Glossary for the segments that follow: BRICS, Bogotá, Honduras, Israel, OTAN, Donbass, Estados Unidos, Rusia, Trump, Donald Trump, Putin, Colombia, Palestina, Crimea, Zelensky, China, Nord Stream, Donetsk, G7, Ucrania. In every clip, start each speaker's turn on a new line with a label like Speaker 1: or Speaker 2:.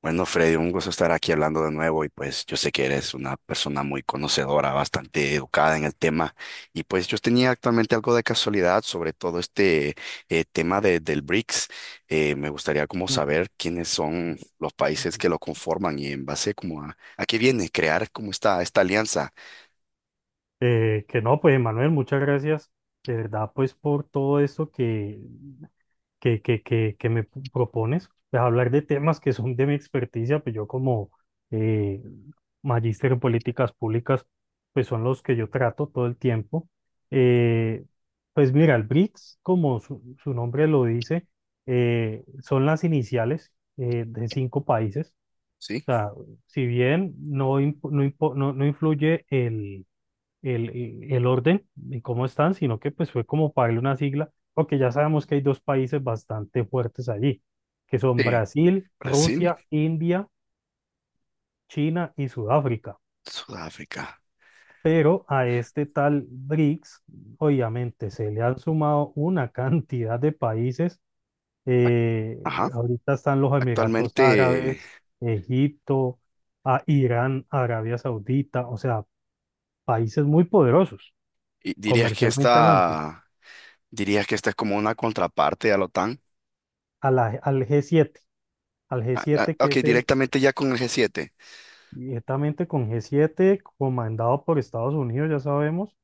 Speaker 1: Bueno, Freddy, un gusto estar aquí hablando de nuevo y pues yo sé que eres una persona muy conocedora, bastante educada en el tema y pues yo tenía actualmente algo de casualidad sobre todo este tema del BRICS. Me gustaría como
Speaker 2: Ok.
Speaker 1: saber quiénes son los países
Speaker 2: Ujú.
Speaker 1: que lo conforman y en base como a qué viene crear como esta alianza,
Speaker 2: Que no, pues Manuel, muchas gracias de verdad pues por todo esto que me propones, pues hablar de temas que son de mi experticia, pues yo como eh, magíster en políticas públicas, pues son los que yo trato todo el tiempo. Eh, pues mira, el BRICS, como su nombre lo dice, son las iniciales de cinco países.
Speaker 1: ¿sí?
Speaker 2: O sea, si bien no, imp- no, impo- no no influye el- orden y cómo están, sino que pues fue como para darle una sigla, porque ya sabemos que hay dos países bastante fuertes allí, que son
Speaker 1: Sí.
Speaker 2: Brasil,
Speaker 1: Brasil,
Speaker 2: Rusia, India, China y Sudáfrica.
Speaker 1: Sudáfrica.
Speaker 2: Pero a este tal BRICS, obviamente, se le han sumado una cantidad de países. eh,
Speaker 1: Ajá.
Speaker 2: Ahorita están los Emiratos
Speaker 1: Actualmente
Speaker 2: Árabes, Egipto, a Irán, Arabia Saudita, o sea, países muy poderosos,
Speaker 1: dirías que
Speaker 2: comercialmente hablando.
Speaker 1: dirías que esta es como una contraparte a la OTAN.
Speaker 2: A la- al g
Speaker 1: Ah, ah,
Speaker 2: siete que
Speaker 1: ok,
Speaker 2: es el
Speaker 1: directamente ya con el g siete,
Speaker 2: directamente con G7 comandado por Estados Unidos, ya sabemos,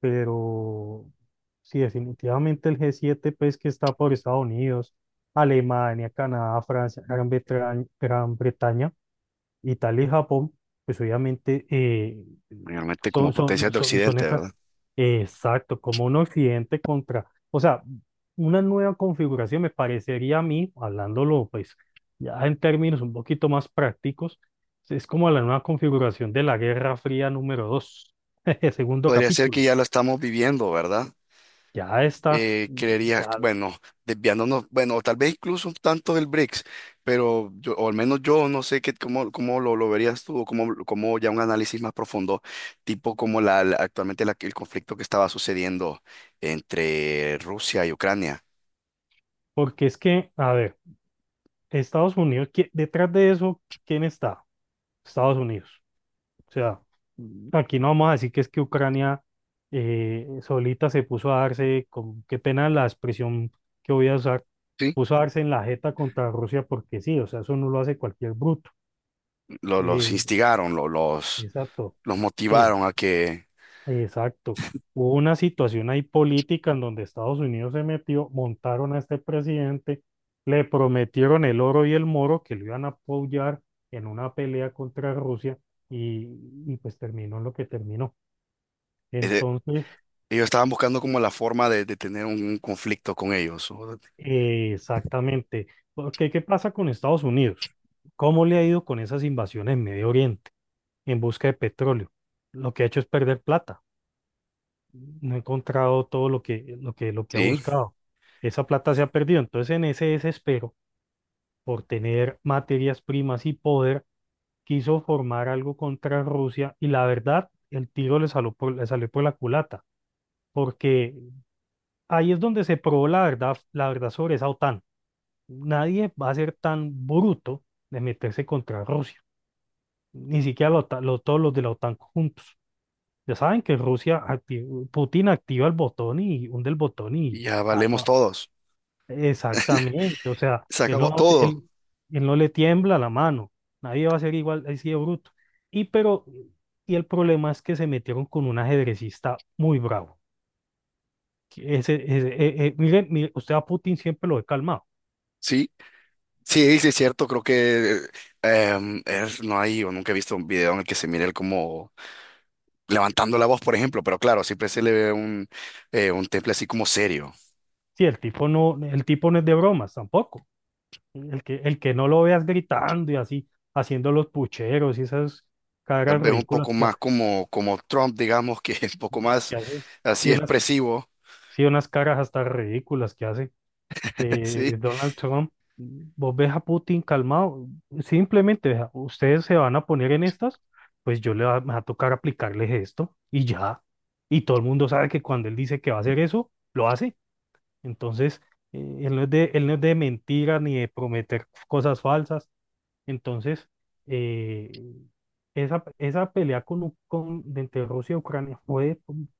Speaker 2: pero sí, definitivamente el G7 pues que está por Estados Unidos, Alemania, Canadá, Francia, Gran Bretaña, Italia y Japón, pues obviamente
Speaker 1: mayormente como
Speaker 2: son,
Speaker 1: potencias
Speaker 2: son,
Speaker 1: de
Speaker 2: son, son
Speaker 1: Occidente,
Speaker 2: esas,
Speaker 1: ¿verdad?
Speaker 2: exacto, como un occidente contra, o sea, una nueva configuración me parecería a mí, hablándolo pues ya en términos un poquito más prácticos, es como la nueva configuración de la Guerra Fría número 2, segundo
Speaker 1: Podría ser que
Speaker 2: capítulo.
Speaker 1: ya lo estamos viviendo, ¿verdad?
Speaker 2: Ya está,
Speaker 1: Creería,
Speaker 2: ya,
Speaker 1: bueno, desviándonos, bueno, o tal vez incluso un tanto del BRICS, pero yo, o al menos yo no sé cómo lo verías tú, o cómo ya un análisis más profundo, tipo como actualmente el conflicto que estaba sucediendo entre Rusia y Ucrania.
Speaker 2: porque es que, a ver, Estados Unidos, detrás de eso, ¿quién está? Estados Unidos. O sea, aquí no vamos a decir que es que Ucrania solita se puso a darse, con, qué pena la expresión que voy a usar,
Speaker 1: Sí.
Speaker 2: puso a darse en la jeta contra Rusia porque sí, o sea, eso no lo hace cualquier bruto.
Speaker 1: Los
Speaker 2: Eh,
Speaker 1: instigaron,
Speaker 2: exacto,
Speaker 1: los
Speaker 2: sí,
Speaker 1: motivaron a que...
Speaker 2: exacto. Hubo una situación ahí política en donde Estados Unidos se metió, montaron a este presidente, le prometieron el oro y el moro que lo iban a apoyar en una pelea contra Rusia, y, y pues terminó en lo que terminó.
Speaker 1: eh,
Speaker 2: Entonces,
Speaker 1: Ellos estaban buscando como la forma de tener un conflicto con ellos. O-
Speaker 2: exactamente. Porque, ¿qué pasa con Estados Unidos? ¿Cómo le ha ido con esas invasiones en Medio Oriente en busca de petróleo? Lo que ha hecho es perder plata. No ha encontrado todo lo que ha
Speaker 1: Sí,
Speaker 2: buscado. Esa plata se ha perdido. Entonces, en ese desespero por tener materias primas y poder, quiso formar algo contra Rusia y la verdad, el tiro le salió por la culata, porque ahí es donde se probó la verdad sobre esa OTAN. Nadie va a ser tan bruto de meterse contra Rusia, ni siquiera todos los de la OTAN juntos. Ya saben que Rusia, Putin activa el botón y hunde el botón y
Speaker 1: y ya valemos
Speaker 2: acaba.
Speaker 1: todos.
Speaker 2: Exactamente, o sea,
Speaker 1: Se acabó todo.
Speaker 2: él no le tiembla la mano, nadie va a ser igual así de bruto. Y, pero, y el problema es que se metieron con un ajedrecista muy bravo. Que Ese- miren, mire, usted a Putin siempre lo he calmado.
Speaker 1: Sí, sí, sí, es cierto. Creo que no hay, o nunca he visto un video en el que se mire él como levantando la voz, por ejemplo. Pero claro, siempre se le ve un temple así como serio.
Speaker 2: Sí, el tipo no es de bromas tampoco. El que no lo veas gritando y así, haciendo los pucheros y esas
Speaker 1: Tal
Speaker 2: caras
Speaker 1: vez un
Speaker 2: ridículas
Speaker 1: poco más como, como Trump, digamos, que es un poco más
Speaker 2: que hace.
Speaker 1: así
Speaker 2: Sí, unas,
Speaker 1: expresivo.
Speaker 2: sí, unas caras hasta ridículas que hace
Speaker 1: Sí,
Speaker 2: Donald Trump. Vos ves a Putin calmado, simplemente: "Vea, ustedes se van a poner en estas, pues me va a tocar aplicarles esto y ya". Y todo el mundo sabe que cuando él dice que va a hacer eso, lo hace. Entonces, él no es de mentira ni de prometer cosas falsas. Entonces, eh, esa pelea con, U- con, de entre Rusia y Ucrania fue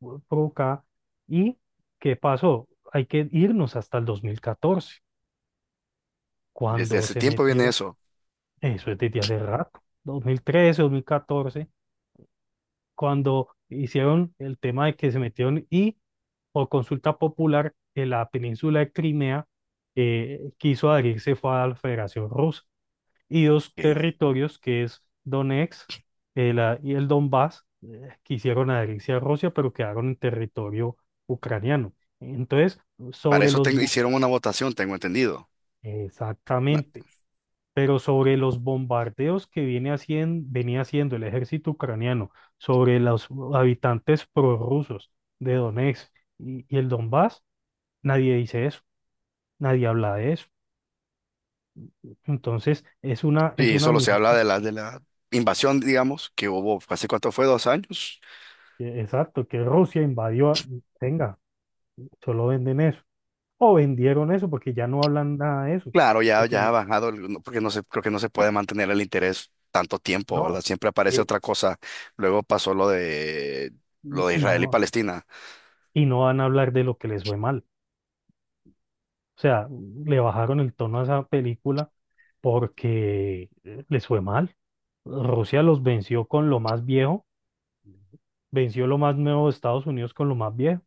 Speaker 2: provocada. ¿Y qué pasó? Hay que irnos hasta el 2014
Speaker 1: desde
Speaker 2: cuando
Speaker 1: hace
Speaker 2: se
Speaker 1: tiempo viene
Speaker 2: metieron,
Speaker 1: eso.
Speaker 2: eso es desde hace rato, 2013, 2014, cuando hicieron el tema de que se metieron y por consulta popular en la península de Crimea quiso adherirse fue a la Federación Rusa. Y dos
Speaker 1: Ok.
Speaker 2: territorios que es Donetsk y el Donbass, que hicieron adherencia a Rusia, pero quedaron en territorio ucraniano. Entonces,
Speaker 1: Para
Speaker 2: sobre
Speaker 1: eso
Speaker 2: los... bo-
Speaker 1: hicieron una votación, tengo entendido.
Speaker 2: exactamente. Pero sobre los bombardeos que venía haciendo el ejército ucraniano sobre los habitantes prorrusos de Donetsk y el Donbass, nadie dice eso, nadie habla de eso. Entonces, es
Speaker 1: Sí,
Speaker 2: una
Speaker 1: solo se habla
Speaker 2: minita,
Speaker 1: de de la invasión, digamos, que hubo, ¿hace cuánto fue? ¿Dos años?
Speaker 2: exacto, que Rusia invadió, venga. Solo venden eso. O vendieron eso porque ya no hablan nada de eso.
Speaker 1: Claro, ya,
Speaker 2: Porque
Speaker 1: ya ha
Speaker 2: no,
Speaker 1: bajado, no, porque no se, creo que no se puede mantener el interés tanto tiempo, ¿verdad?
Speaker 2: no.
Speaker 1: Siempre aparece
Speaker 2: Y,
Speaker 1: otra cosa. Luego pasó lo de lo
Speaker 2: y-
Speaker 1: de
Speaker 2: y
Speaker 1: Israel y
Speaker 2: no,
Speaker 1: Palestina.
Speaker 2: y no van a hablar de lo que les fue mal. O sea, le bajaron el tono a esa película porque les fue mal. Rusia los venció con lo más viejo, venció lo más nuevo de Estados Unidos con lo más viejo,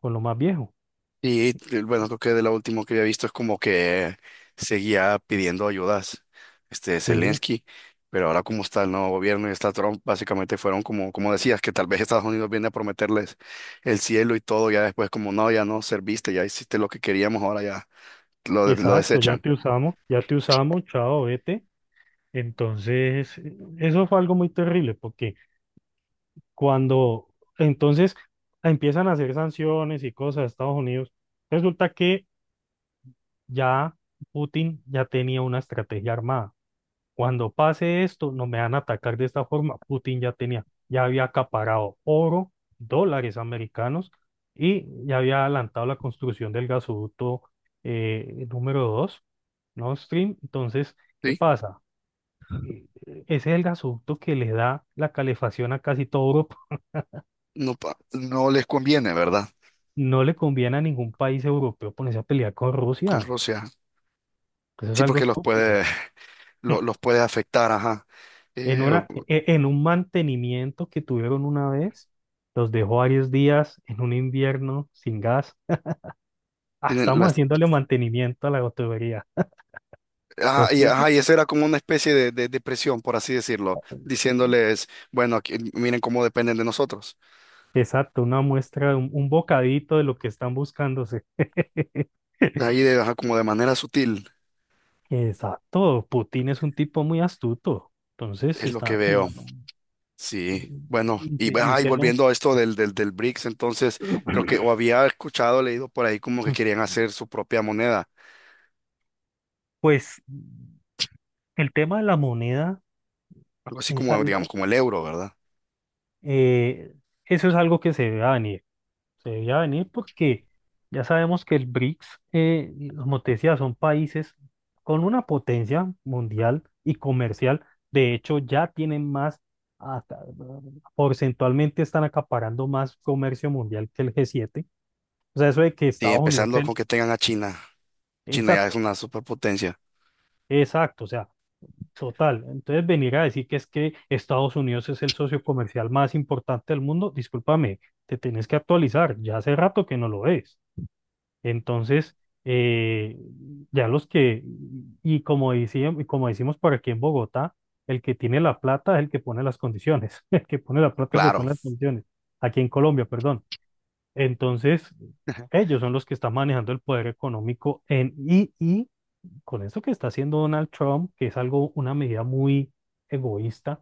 Speaker 2: con lo más viejo.
Speaker 1: Y bueno, creo que de lo último que había visto es como que seguía pidiendo ayudas, este
Speaker 2: Sí,
Speaker 1: Zelensky, pero ahora como está el nuevo gobierno y está Trump, básicamente fueron como, como decías, que tal vez Estados Unidos viene a prometerles el cielo y todo, ya después como no, ya no serviste, ya hiciste lo que queríamos, ahora ya lo
Speaker 2: exacto,
Speaker 1: desechan.
Speaker 2: ya te usamos, chao, vete. Entonces, eso fue algo muy terrible porque Cuando entonces empiezan a hacer sanciones y cosas a Estados Unidos, resulta que ya Putin ya tenía una estrategia armada. Cuando pase esto, no me van a atacar de esta forma. Putin ya había acaparado oro, dólares americanos y ya había adelantado la construcción del gasoducto número 2, Nord Stream. Entonces, ¿qué
Speaker 1: Sí,
Speaker 2: pasa? Eh, Ese es el gasoducto que le da la calefacción a casi todo Europa.
Speaker 1: no, pa- no les conviene, ¿verdad?
Speaker 2: No le conviene a ningún país europeo ponerse a pelear con
Speaker 1: Con
Speaker 2: Rusia.
Speaker 1: Rusia.
Speaker 2: Eso es
Speaker 1: Sí,
Speaker 2: algo
Speaker 1: porque los
Speaker 2: estúpido.
Speaker 1: puede, los puede afectar, ajá.
Speaker 2: En
Speaker 1: Eh,
Speaker 2: una, e- e- en un mantenimiento que tuvieron una vez, los dejó varios días en un invierno sin gas. Ah,
Speaker 1: tienen-
Speaker 2: estamos
Speaker 1: las-
Speaker 2: haciéndole mantenimiento a la tubería.
Speaker 1: Ah,
Speaker 2: Los puso,
Speaker 1: ajá, y eso era como una especie de presión, por así decirlo, diciéndoles, bueno, aquí- miren cómo dependen de nosotros.
Speaker 2: exacto, una muestra, un bocadito de lo que están buscándose.
Speaker 1: Ajá, como de manera sutil,
Speaker 2: Exacto, Putin es un tipo muy astuto. Entonces
Speaker 1: es lo que
Speaker 2: está
Speaker 1: veo.
Speaker 2: jugando. ¿Y
Speaker 1: Sí, bueno,
Speaker 2: y qué y
Speaker 1: ajá, y
Speaker 2: qué más?
Speaker 1: volviendo a esto del BRICS, entonces creo que o había escuchado, leído por ahí como que querían hacer su propia moneda,
Speaker 2: Pues, el tema de la moneda
Speaker 1: algo así
Speaker 2: es
Speaker 1: como, digamos,
Speaker 2: algo,
Speaker 1: como el euro, ¿verdad?
Speaker 2: eh, es algo que se debe venir. Se debe venir porque ya sabemos que el BRICS, y como te decía, son países con una potencia mundial y comercial. De hecho, ya tienen más, aca- porcentualmente están acaparando más comercio mundial que el G7. O sea, eso de que
Speaker 1: Sí,
Speaker 2: Estados Unidos,
Speaker 1: empezando con que tengan a China. China ya es
Speaker 2: exacto,
Speaker 1: una superpotencia.
Speaker 2: exacto. O sea, total, entonces venir a decir que es que Estados Unidos es el socio comercial más importante del mundo, discúlpame, te tienes que actualizar, ya hace rato que no lo es. Entonces, eh, ya los que, y como como decimos por aquí en Bogotá, el que tiene la plata es el que pone las condiciones, el que pone la plata es el que pone
Speaker 1: Claro,
Speaker 2: las condiciones, aquí en Colombia, perdón. Entonces, ellos son los que están manejando el poder económico y con eso que está haciendo Donald Trump, que es algo, una medida muy egoísta,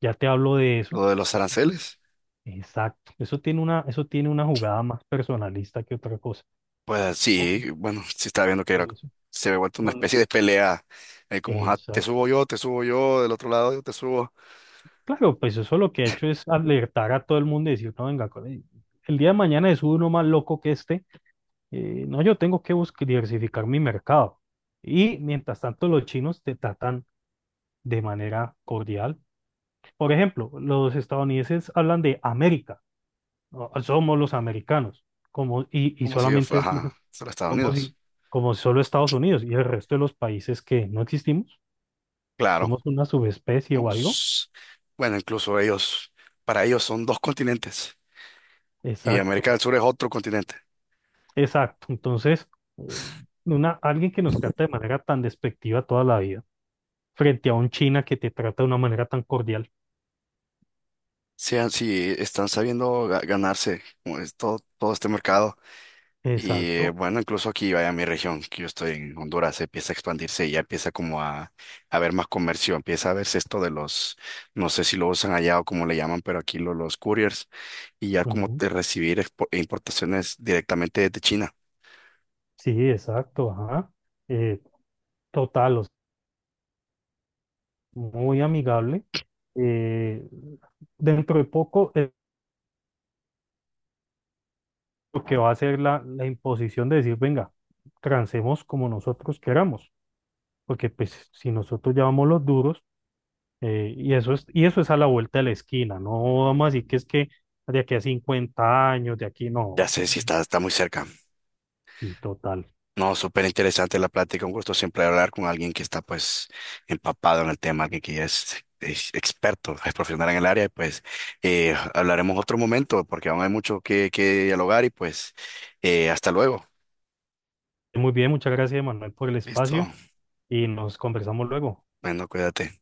Speaker 2: ya te hablo de eso.
Speaker 1: lo de los aranceles.
Speaker 2: Exacto, eso tiene una jugada más personalista que otra cosa.
Speaker 1: Pues
Speaker 2: Ojo
Speaker 1: sí, bueno, sí estaba viendo que era,
Speaker 2: con eso,
Speaker 1: se había vuelto una
Speaker 2: con-
Speaker 1: especie de pelea, como "Ah,
Speaker 2: exacto.
Speaker 1: te subo yo, del otro lado yo te subo,
Speaker 2: Claro, pues eso lo que ha hecho es alertar a todo el mundo y decir: no, venga, el día de mañana es uno más loco que este. No, yo tengo que buscar diversificar mi mercado. Y mientras tanto, los chinos te tratan de manera cordial. Por ejemplo, los estadounidenses hablan de América. No, somos los americanos, como, y
Speaker 1: como si yo
Speaker 2: solamente
Speaker 1: fuera
Speaker 2: es los,
Speaker 1: ajá, solo Estados
Speaker 2: como
Speaker 1: Unidos.
Speaker 2: si, como solo Estados Unidos y el resto de los países que no existimos,
Speaker 1: Claro.
Speaker 2: somos una subespecie o algo.
Speaker 1: Pues, bueno, incluso ellos, para ellos son dos continentes y América
Speaker 2: Exacto,
Speaker 1: del Sur es otro continente.
Speaker 2: exacto. Entonces, eh, alguien que nos trata de manera tan despectiva toda la vida, frente a un China que te trata de una manera tan cordial.
Speaker 1: Sean si están sabiendo ga- ganarse como es todo, todo este mercado. Y
Speaker 2: Exacto.
Speaker 1: bueno, incluso aquí, vaya, mi región, que yo estoy en Honduras, empieza a expandirse y ya empieza como a haber más comercio, empieza a verse esto de los, no sé si lo usan allá o cómo le llaman, pero aquí los couriers y ya como
Speaker 2: Ujú,
Speaker 1: de recibir expo- importaciones directamente desde China.
Speaker 2: sí, exacto, ajá. Eh, total, o sea, muy amigable. Eh, dentro de poco, lo que va a ser la imposición de decir, venga, trancemos como nosotros queramos, porque pues si nosotros ya vamos los duros, y y eso es a la vuelta de la esquina, no vamos a decir que es que de aquí a 50 años, de aquí no,
Speaker 1: Ya sé si está, está muy cerca.
Speaker 2: y total.
Speaker 1: No, súper interesante la plática. Un gusto siempre hablar con alguien que está pues empapado en el tema, alguien que ya es experto, es profesional en el área. Pues hablaremos otro momento porque aún hay mucho que dialogar y pues hasta luego.
Speaker 2: Muy bien, muchas gracias, Manuel, por el
Speaker 1: Listo.
Speaker 2: espacio y nos conversamos luego.
Speaker 1: Bueno, cuídate.